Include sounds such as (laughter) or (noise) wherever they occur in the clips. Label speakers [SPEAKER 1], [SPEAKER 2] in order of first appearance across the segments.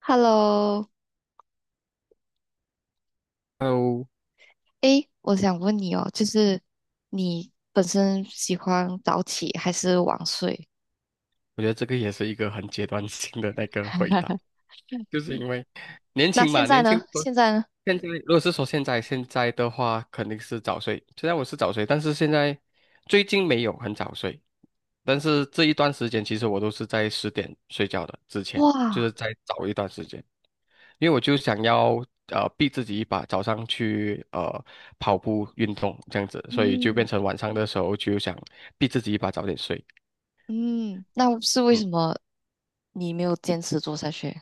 [SPEAKER 1] Hello，
[SPEAKER 2] 哦，
[SPEAKER 1] 诶，我想问你哦，就是你本身喜欢早起还是晚睡？
[SPEAKER 2] 我觉得这个也是一个很阶段性的那个回答，
[SPEAKER 1] (laughs)
[SPEAKER 2] 就是因为年
[SPEAKER 1] 那
[SPEAKER 2] 轻
[SPEAKER 1] 现
[SPEAKER 2] 嘛，
[SPEAKER 1] 在
[SPEAKER 2] 年轻
[SPEAKER 1] 呢？
[SPEAKER 2] 的时候。
[SPEAKER 1] 现在呢？
[SPEAKER 2] 现在如果是说现在的话，肯定是早睡。虽然我是早睡，但是现在最近没有很早睡，但是这一段时间其实我都是在十点睡觉的，之前就是
[SPEAKER 1] 哇，
[SPEAKER 2] 在早一段时间，因为我就想要逼自己一把，早上去跑步运动这样子，所以就变
[SPEAKER 1] 嗯
[SPEAKER 2] 成晚上的时候就想逼自己一把早点睡。
[SPEAKER 1] 嗯，那是为
[SPEAKER 2] 嗯。
[SPEAKER 1] 什么你没有坚持做下去？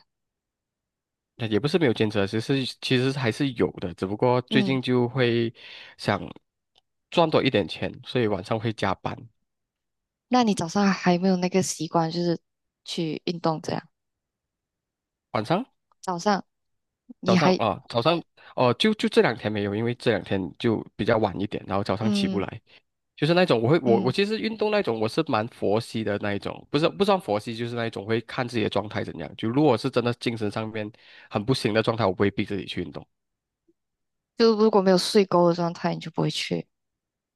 [SPEAKER 2] 那也不是没有坚持啊，其实还是有的，只不过最
[SPEAKER 1] 嗯，
[SPEAKER 2] 近就会想赚多一点钱，所以晚上会加班。
[SPEAKER 1] 那你早上还没有那个习惯，就是去运动这样？
[SPEAKER 2] 晚上、
[SPEAKER 1] 早上
[SPEAKER 2] 早
[SPEAKER 1] 你
[SPEAKER 2] 上
[SPEAKER 1] 还
[SPEAKER 2] 啊、早上哦、就这两天没有，因为这两天就比较晚一点，然后早上起不
[SPEAKER 1] 嗯
[SPEAKER 2] 来，就是那种我会我我
[SPEAKER 1] 嗯，
[SPEAKER 2] 其实运动那种我是蛮佛系的那一种，不是不算佛系，就是那一种会看自己的状态怎样。就如果是真的精神上面很不行的状态，我不会逼自己去运动。
[SPEAKER 1] 就如果没有睡够的状态，你就不会去。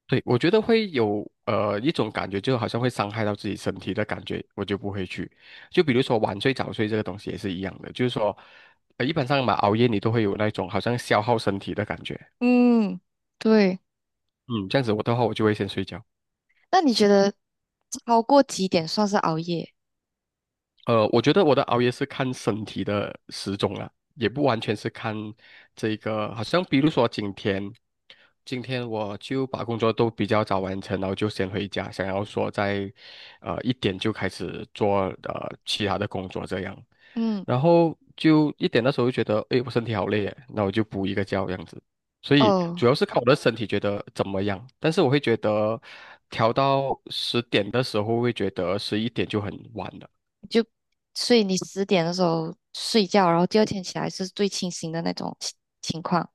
[SPEAKER 2] 对，我觉得会有一种感觉，就好像会伤害到自己身体的感觉，我就不会去。就比如说晚睡早睡这个东西也是一样的，就是说，一般上嘛，熬夜你都会有那种好像消耗身体的感觉。
[SPEAKER 1] 嗯，对。
[SPEAKER 2] 嗯，这样子我的话，我就会先睡觉。
[SPEAKER 1] 那你觉得超过几点算是熬夜？
[SPEAKER 2] 我觉得我的熬夜是看身体的时钟了，也不完全是看这个，好像比如说今天。今天我就把工作都比较早完成，然后就先回家，想要说在一点就开始做其他的工作这样，
[SPEAKER 1] 嗯。
[SPEAKER 2] 然后就一点的时候就觉得，诶，我身体好累耶，那我就补一个觉这样子。所以主
[SPEAKER 1] 哦，
[SPEAKER 2] 要是看我的身体觉得怎么样，但是我会觉得调到十点的时候会觉得11点就很晚了。
[SPEAKER 1] 就，所以你十点的时候睡觉，然后第二天起来是最清醒的那种情况。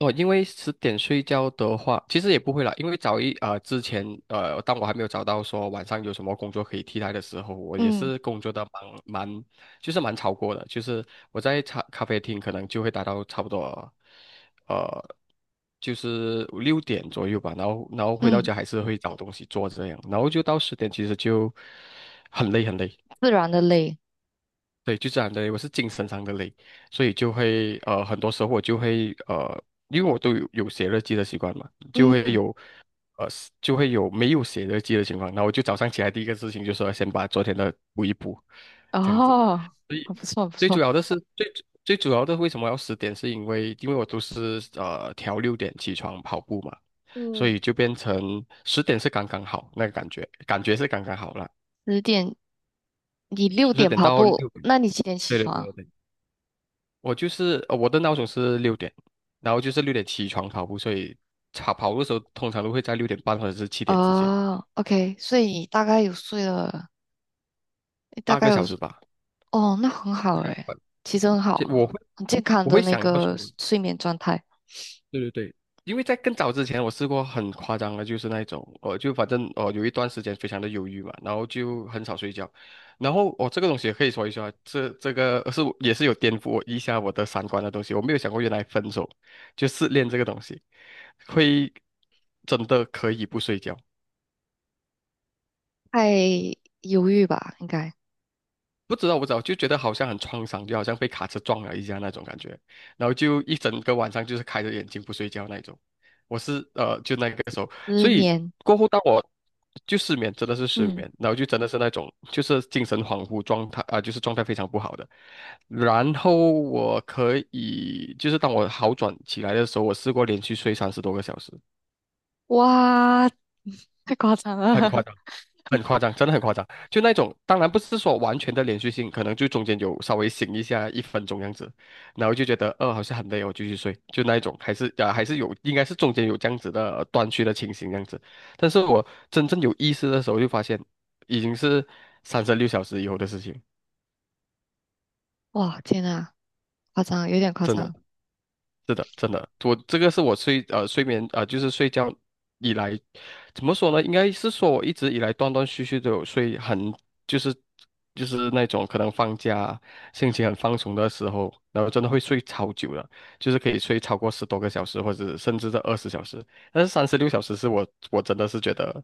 [SPEAKER 2] 哦，因为十点睡觉的话，其实也不会啦，因为之前，当我还没有找到说晚上有什么工作可以替代的时候，我也
[SPEAKER 1] 嗯
[SPEAKER 2] 是工作的蛮，就是蛮超过的，就是我在茶咖啡厅可能就会达到差不多，呃，就是六点左右吧，然后回到
[SPEAKER 1] 嗯，
[SPEAKER 2] 家还是会找东西做这样，然后就到十点其实就很累很累。
[SPEAKER 1] 自然的累。
[SPEAKER 2] 对，就这样的累，我是精神上的累，所以就会很多时候我就会因为我都有写日记的习惯嘛，
[SPEAKER 1] 嗯，
[SPEAKER 2] 呃，就会有没有写日记的情况。那我就早上起来第一个事情就是要先把昨天的补一补，这样子。
[SPEAKER 1] 哦，(laughs) 很不错，很不
[SPEAKER 2] 最主
[SPEAKER 1] 错。
[SPEAKER 2] 要的是最最主要的为什么要十点，是因为我都是调六点起床跑步嘛，所以
[SPEAKER 1] 嗯，
[SPEAKER 2] 就变成十点是刚刚好那个感觉，感觉是刚刚好了，
[SPEAKER 1] 十点，你六
[SPEAKER 2] 十
[SPEAKER 1] 点
[SPEAKER 2] 点
[SPEAKER 1] 跑
[SPEAKER 2] 到六
[SPEAKER 1] 步，
[SPEAKER 2] 点。
[SPEAKER 1] 那你几点起
[SPEAKER 2] 对对
[SPEAKER 1] 床？
[SPEAKER 2] 对。我就是我的闹钟是六点，然后就是六点起床跑步，所以跑步的时候通常都会在6点半或者是7点之间，
[SPEAKER 1] 哦，OK，所以你大概有睡了，你大
[SPEAKER 2] 八
[SPEAKER 1] 概
[SPEAKER 2] 个
[SPEAKER 1] 有，
[SPEAKER 2] 小时吧。
[SPEAKER 1] 哦，那很好
[SPEAKER 2] 大概
[SPEAKER 1] 诶，
[SPEAKER 2] 吧，
[SPEAKER 1] 其实很好
[SPEAKER 2] 其实
[SPEAKER 1] 啊，
[SPEAKER 2] 我会
[SPEAKER 1] 很健康
[SPEAKER 2] 我
[SPEAKER 1] 的
[SPEAKER 2] 会
[SPEAKER 1] 那
[SPEAKER 2] 想要
[SPEAKER 1] 个
[SPEAKER 2] 说，
[SPEAKER 1] 睡眠状态。
[SPEAKER 2] 对对对，因为在更早之前我试过很夸张的，就是那一种，我就反正哦有一段时间非常的忧郁嘛，然后就很少睡觉，然后哦这个东西也可以说一说啊，这个是也是有颠覆我一下我的三观的东西，我没有想过原来分手就失恋这个东西会真的可以不睡觉。
[SPEAKER 1] 太忧郁吧，应该
[SPEAKER 2] 不知道，不知道，就觉得好像很创伤，就好像被卡车撞了一下那种感觉，然后就一整个晚上就是开着眼睛不睡觉那种。我是就那个时候，
[SPEAKER 1] 失
[SPEAKER 2] 所以
[SPEAKER 1] 眠。
[SPEAKER 2] 过后当我就失眠，真的是失
[SPEAKER 1] 嗯，
[SPEAKER 2] 眠，然后就真的是那种就是精神恍惚状态啊、就是状态非常不好的。然后我可以就是当我好转起来的时候，我试过连续睡30多个小时，
[SPEAKER 1] 哇，太夸张
[SPEAKER 2] 很夸
[SPEAKER 1] 了。
[SPEAKER 2] 张。
[SPEAKER 1] (laughs)
[SPEAKER 2] 很夸张，真的很夸张。就那种，当然不是说完全的连续性，可能就中间有稍微醒一下1分钟这样子，然后就觉得好像很累哦，我继续睡，就那一种，还是啊、还是有，应该是中间有这样子的断续的情形这样子。但是我真正有意识的时候，就发现已经是三十六小时以后的事情，
[SPEAKER 1] 哇，天呐，夸张，有点夸
[SPEAKER 2] 真的。
[SPEAKER 1] 张。
[SPEAKER 2] 是的，真的，我这个是我睡眠啊、就是睡觉以来，怎么说呢？应该是说我一直以来断断续续都有睡很，就是就是那种可能放假心情很放松的时候，然后真的会睡超久的，就是可以睡超过十多个小时，或者甚至在20小时。但是三十六小时是我真的是觉得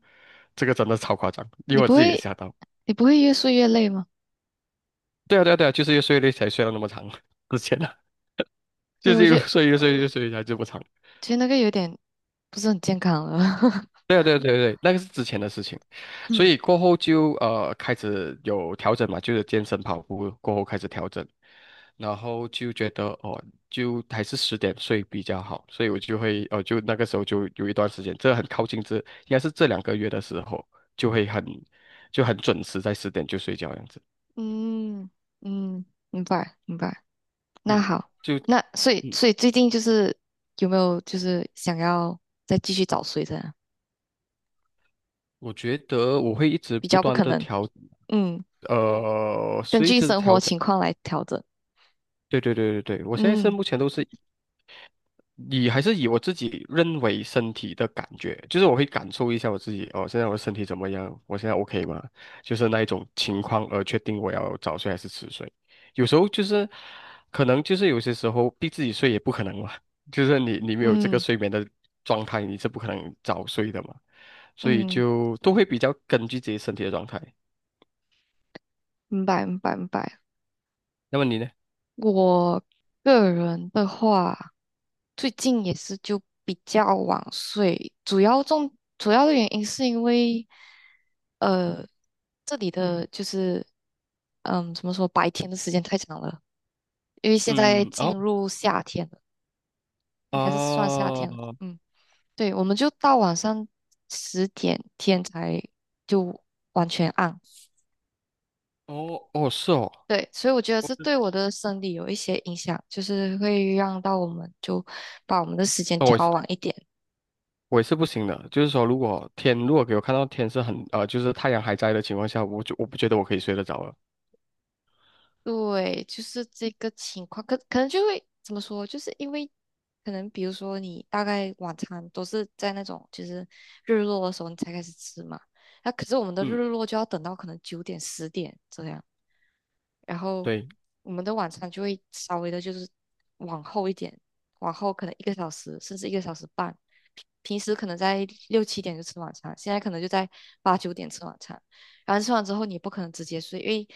[SPEAKER 2] 这个真的超夸张，因
[SPEAKER 1] 你
[SPEAKER 2] 为我
[SPEAKER 1] 不
[SPEAKER 2] 自己也
[SPEAKER 1] 会，
[SPEAKER 2] 吓到。
[SPEAKER 1] 你不会越睡越累吗？
[SPEAKER 2] 对啊，对啊，对啊，就是越睡越累才睡了那么长，(laughs) 之前啊，
[SPEAKER 1] 对，
[SPEAKER 2] 就
[SPEAKER 1] 我
[SPEAKER 2] 是一
[SPEAKER 1] 觉
[SPEAKER 2] 路
[SPEAKER 1] 得
[SPEAKER 2] 睡越睡越睡才就不长。
[SPEAKER 1] 其实那个有点不是很健康了。(laughs)
[SPEAKER 2] 对啊对啊对啊对啊，那个是之前的事情，所
[SPEAKER 1] 嗯
[SPEAKER 2] 以过后就开始有调整嘛，就是健身跑步过后开始调整，然后就觉得哦，就还是十点睡比较好，所以我就会就那个时候就有一段时间，这很靠近，这应该是这2个月的时候，就会很就很准时在十点就睡觉这样子。
[SPEAKER 1] 嗯嗯，明白明白。那
[SPEAKER 2] 嗯，
[SPEAKER 1] 好，
[SPEAKER 2] 就
[SPEAKER 1] 那所以最近就是有没有就是想要再继续早睡这样？
[SPEAKER 2] 我觉得我会一直
[SPEAKER 1] 比
[SPEAKER 2] 不
[SPEAKER 1] 较不
[SPEAKER 2] 断
[SPEAKER 1] 可
[SPEAKER 2] 的
[SPEAKER 1] 能。
[SPEAKER 2] 调，
[SPEAKER 1] 嗯，根
[SPEAKER 2] 随一
[SPEAKER 1] 据
[SPEAKER 2] 直
[SPEAKER 1] 生活
[SPEAKER 2] 调整。
[SPEAKER 1] 情况来调整。
[SPEAKER 2] 对对对对对，我现在是
[SPEAKER 1] 嗯
[SPEAKER 2] 目前都是。还是以我自己认为身体的感觉，就是我会感受一下我自己哦，现在我的身体怎么样？我现在 OK 吗？就是那一种情况而确定我要早睡还是迟睡。有时候就是可能就是有些时候逼自己睡也不可能嘛，(laughs) 就是你没有这个
[SPEAKER 1] 嗯
[SPEAKER 2] 睡眠的状态，你是不可能早睡的嘛，所以
[SPEAKER 1] 嗯，
[SPEAKER 2] 就都会比较根据自己身体的状态。
[SPEAKER 1] 明白明白明白。
[SPEAKER 2] 那么你呢？
[SPEAKER 1] 我个人的话，最近也是就比较晚睡，主要的原因是因为，呃，这里的就是，嗯，怎么说，白天的时间太长了，因为现在
[SPEAKER 2] 嗯，
[SPEAKER 1] 进
[SPEAKER 2] 哦，
[SPEAKER 1] 入夏天了，应该是算夏天了，
[SPEAKER 2] 哦，
[SPEAKER 1] 嗯，对，我们就到晚上十点天才就完全暗，
[SPEAKER 2] 哦，哦，是哦，
[SPEAKER 1] 对，所以我觉得
[SPEAKER 2] 我
[SPEAKER 1] 这
[SPEAKER 2] 是
[SPEAKER 1] 对我的生理有一些影响，就是会让到我们就把我们的时间
[SPEAKER 2] 哦，我
[SPEAKER 1] 调晚一点。
[SPEAKER 2] 我也是不行的，就是说，如果给我看到天是很，就是太阳还在的情况下，我就我不觉得我可以睡得着了。
[SPEAKER 1] 对，就是这个情况，可能就会怎么说，就是因为可能比如说你大概晚餐都是在那种就是日落的时候你才开始吃嘛，那可是我们的日
[SPEAKER 2] 嗯，
[SPEAKER 1] 落就要等到可能九点十点这样。然后
[SPEAKER 2] 对
[SPEAKER 1] 我们的晚餐就会稍微的，就是往后一点，往后可能一个小时甚至1个小时半。平时可能在六七点就吃晚餐，现在可能就在八九点吃晚餐。然后吃完之后，你不可能直接睡，因为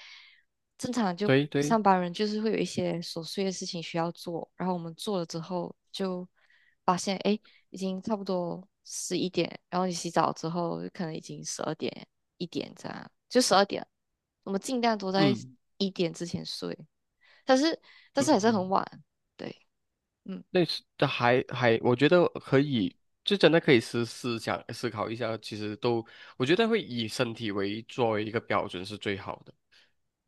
[SPEAKER 1] 正常就
[SPEAKER 2] 对对，
[SPEAKER 1] 上班人就是会有一些琐碎的事情需要做。然后我们做了之后，就发现哎，已经差不多十一点，然后你洗澡之后可能已经十二点，一点这样，就十二点，我们尽量都在
[SPEAKER 2] 嗯
[SPEAKER 1] 一点之前睡，但是但是还
[SPEAKER 2] 嗯，
[SPEAKER 1] 是很晚，对，嗯，
[SPEAKER 2] 类似的还，我觉得可以，就真的可以思考一下，其实都我觉得会以身体作为一个标准是最好的，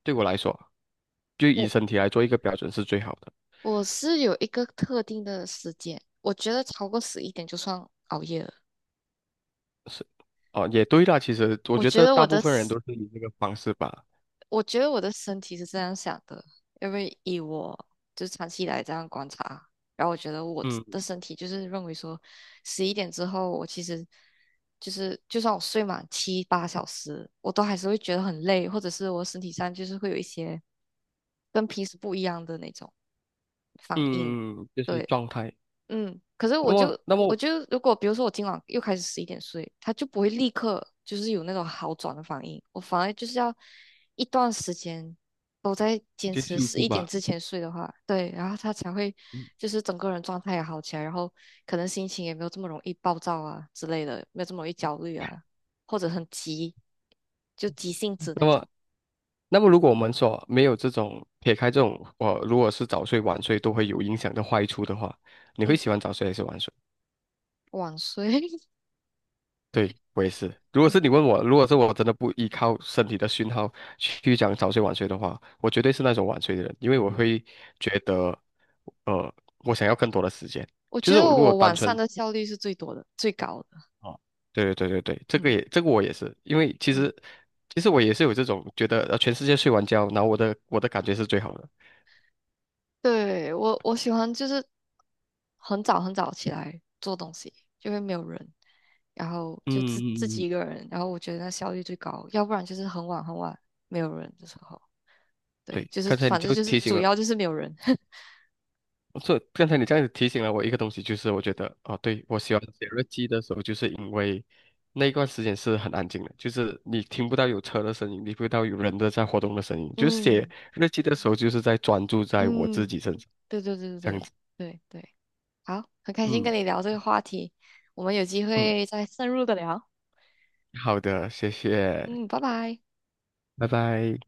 [SPEAKER 2] 对我来说，就以
[SPEAKER 1] 我
[SPEAKER 2] 身体来做一个标准是最好的，
[SPEAKER 1] 我是有一个特定的时间，我觉得超过十一点就算熬夜了，
[SPEAKER 2] 是哦，也对啦，其实我
[SPEAKER 1] 我
[SPEAKER 2] 觉
[SPEAKER 1] 觉
[SPEAKER 2] 得
[SPEAKER 1] 得我
[SPEAKER 2] 大部
[SPEAKER 1] 的
[SPEAKER 2] 分人都是以这个方式吧，
[SPEAKER 1] 我觉得我的身体是这样想的，因为以我就是长期以来这样观察，然后我觉得我自
[SPEAKER 2] 嗯
[SPEAKER 1] 的身体就是认为说，十一点之后我其实就是就算我睡满七八小时，我都还是会觉得很累，或者是我身体上就是会有一些跟平时不一样的那种反应。
[SPEAKER 2] 嗯，嗯嗯就是
[SPEAKER 1] 对，
[SPEAKER 2] 状态。
[SPEAKER 1] 嗯，可是
[SPEAKER 2] 那
[SPEAKER 1] 我
[SPEAKER 2] 么，
[SPEAKER 1] 就
[SPEAKER 2] 那么
[SPEAKER 1] 我就如果比如说我今晚又开始十一点睡，他就不会立刻就是有那种好转的反应，我反而就是要一段时间都在坚
[SPEAKER 2] 就
[SPEAKER 1] 持
[SPEAKER 2] 幸
[SPEAKER 1] 十
[SPEAKER 2] 福
[SPEAKER 1] 一点
[SPEAKER 2] 吧。
[SPEAKER 1] 之前睡的话，对，然后他才会就是整个人状态也好起来，然后可能心情也没有这么容易暴躁啊之类的，没有这么容易焦虑啊，或者很急，就急性子
[SPEAKER 2] 那
[SPEAKER 1] 那
[SPEAKER 2] 么，
[SPEAKER 1] 种，
[SPEAKER 2] 那么如果我们说没有这种撇开这种，我如果是早睡晚睡都会有影响的坏处的话，你会
[SPEAKER 1] 嗯，
[SPEAKER 2] 喜欢早睡还是晚睡？
[SPEAKER 1] 晚睡，
[SPEAKER 2] 对，我也是。如
[SPEAKER 1] (laughs)
[SPEAKER 2] 果
[SPEAKER 1] 嗯
[SPEAKER 2] 是你问我，如果是我真的不依靠身体的讯号去讲早睡晚睡的话，我绝对是那种晚睡的人，因为我
[SPEAKER 1] 嗯，
[SPEAKER 2] 会觉得，呃，我想要更多的时间。
[SPEAKER 1] 我
[SPEAKER 2] 就
[SPEAKER 1] 觉
[SPEAKER 2] 是
[SPEAKER 1] 得
[SPEAKER 2] 我如果
[SPEAKER 1] 我
[SPEAKER 2] 单
[SPEAKER 1] 晚上
[SPEAKER 2] 纯
[SPEAKER 1] 的效率是最多的，最高的，
[SPEAKER 2] 啊，对对对对对，这个
[SPEAKER 1] 嗯。
[SPEAKER 2] 也这个我也是，因为其
[SPEAKER 1] 嗯。
[SPEAKER 2] 实其实我也是有这种觉得，全世界睡完觉，然后我的感觉是最好的。
[SPEAKER 1] 对，我喜欢就是很早很早起来做东西，就会没有人，然后就
[SPEAKER 2] 嗯
[SPEAKER 1] 自
[SPEAKER 2] 嗯
[SPEAKER 1] 自
[SPEAKER 2] 嗯，
[SPEAKER 1] 己
[SPEAKER 2] 嗯
[SPEAKER 1] 一个人，然后我觉得那效率最高。要不然就是很晚很晚没有人的时候，对，
[SPEAKER 2] 对，
[SPEAKER 1] 就是
[SPEAKER 2] 刚才你
[SPEAKER 1] 反正
[SPEAKER 2] 就
[SPEAKER 1] 就是
[SPEAKER 2] 提醒
[SPEAKER 1] 主
[SPEAKER 2] 了，
[SPEAKER 1] 要就是没有人。(laughs)
[SPEAKER 2] 这刚才你这样子提醒了我一个东西，就是我觉得哦，对，我喜欢写日记的时候，就是因为那一段时间是很安静的，就是你听不到有车的声音，你听不到有人的在活动的声音，就是写
[SPEAKER 1] 嗯
[SPEAKER 2] 日记的时候，就是在专注在我自
[SPEAKER 1] 嗯，
[SPEAKER 2] 己身上，
[SPEAKER 1] 对对对对
[SPEAKER 2] 这样
[SPEAKER 1] 对
[SPEAKER 2] 子。
[SPEAKER 1] 对对，好，很开心
[SPEAKER 2] 嗯
[SPEAKER 1] 跟你聊这个话题，我们有机
[SPEAKER 2] 嗯，
[SPEAKER 1] 会再深入的聊。
[SPEAKER 2] 好的，谢谢，
[SPEAKER 1] 嗯，拜拜。
[SPEAKER 2] 拜拜。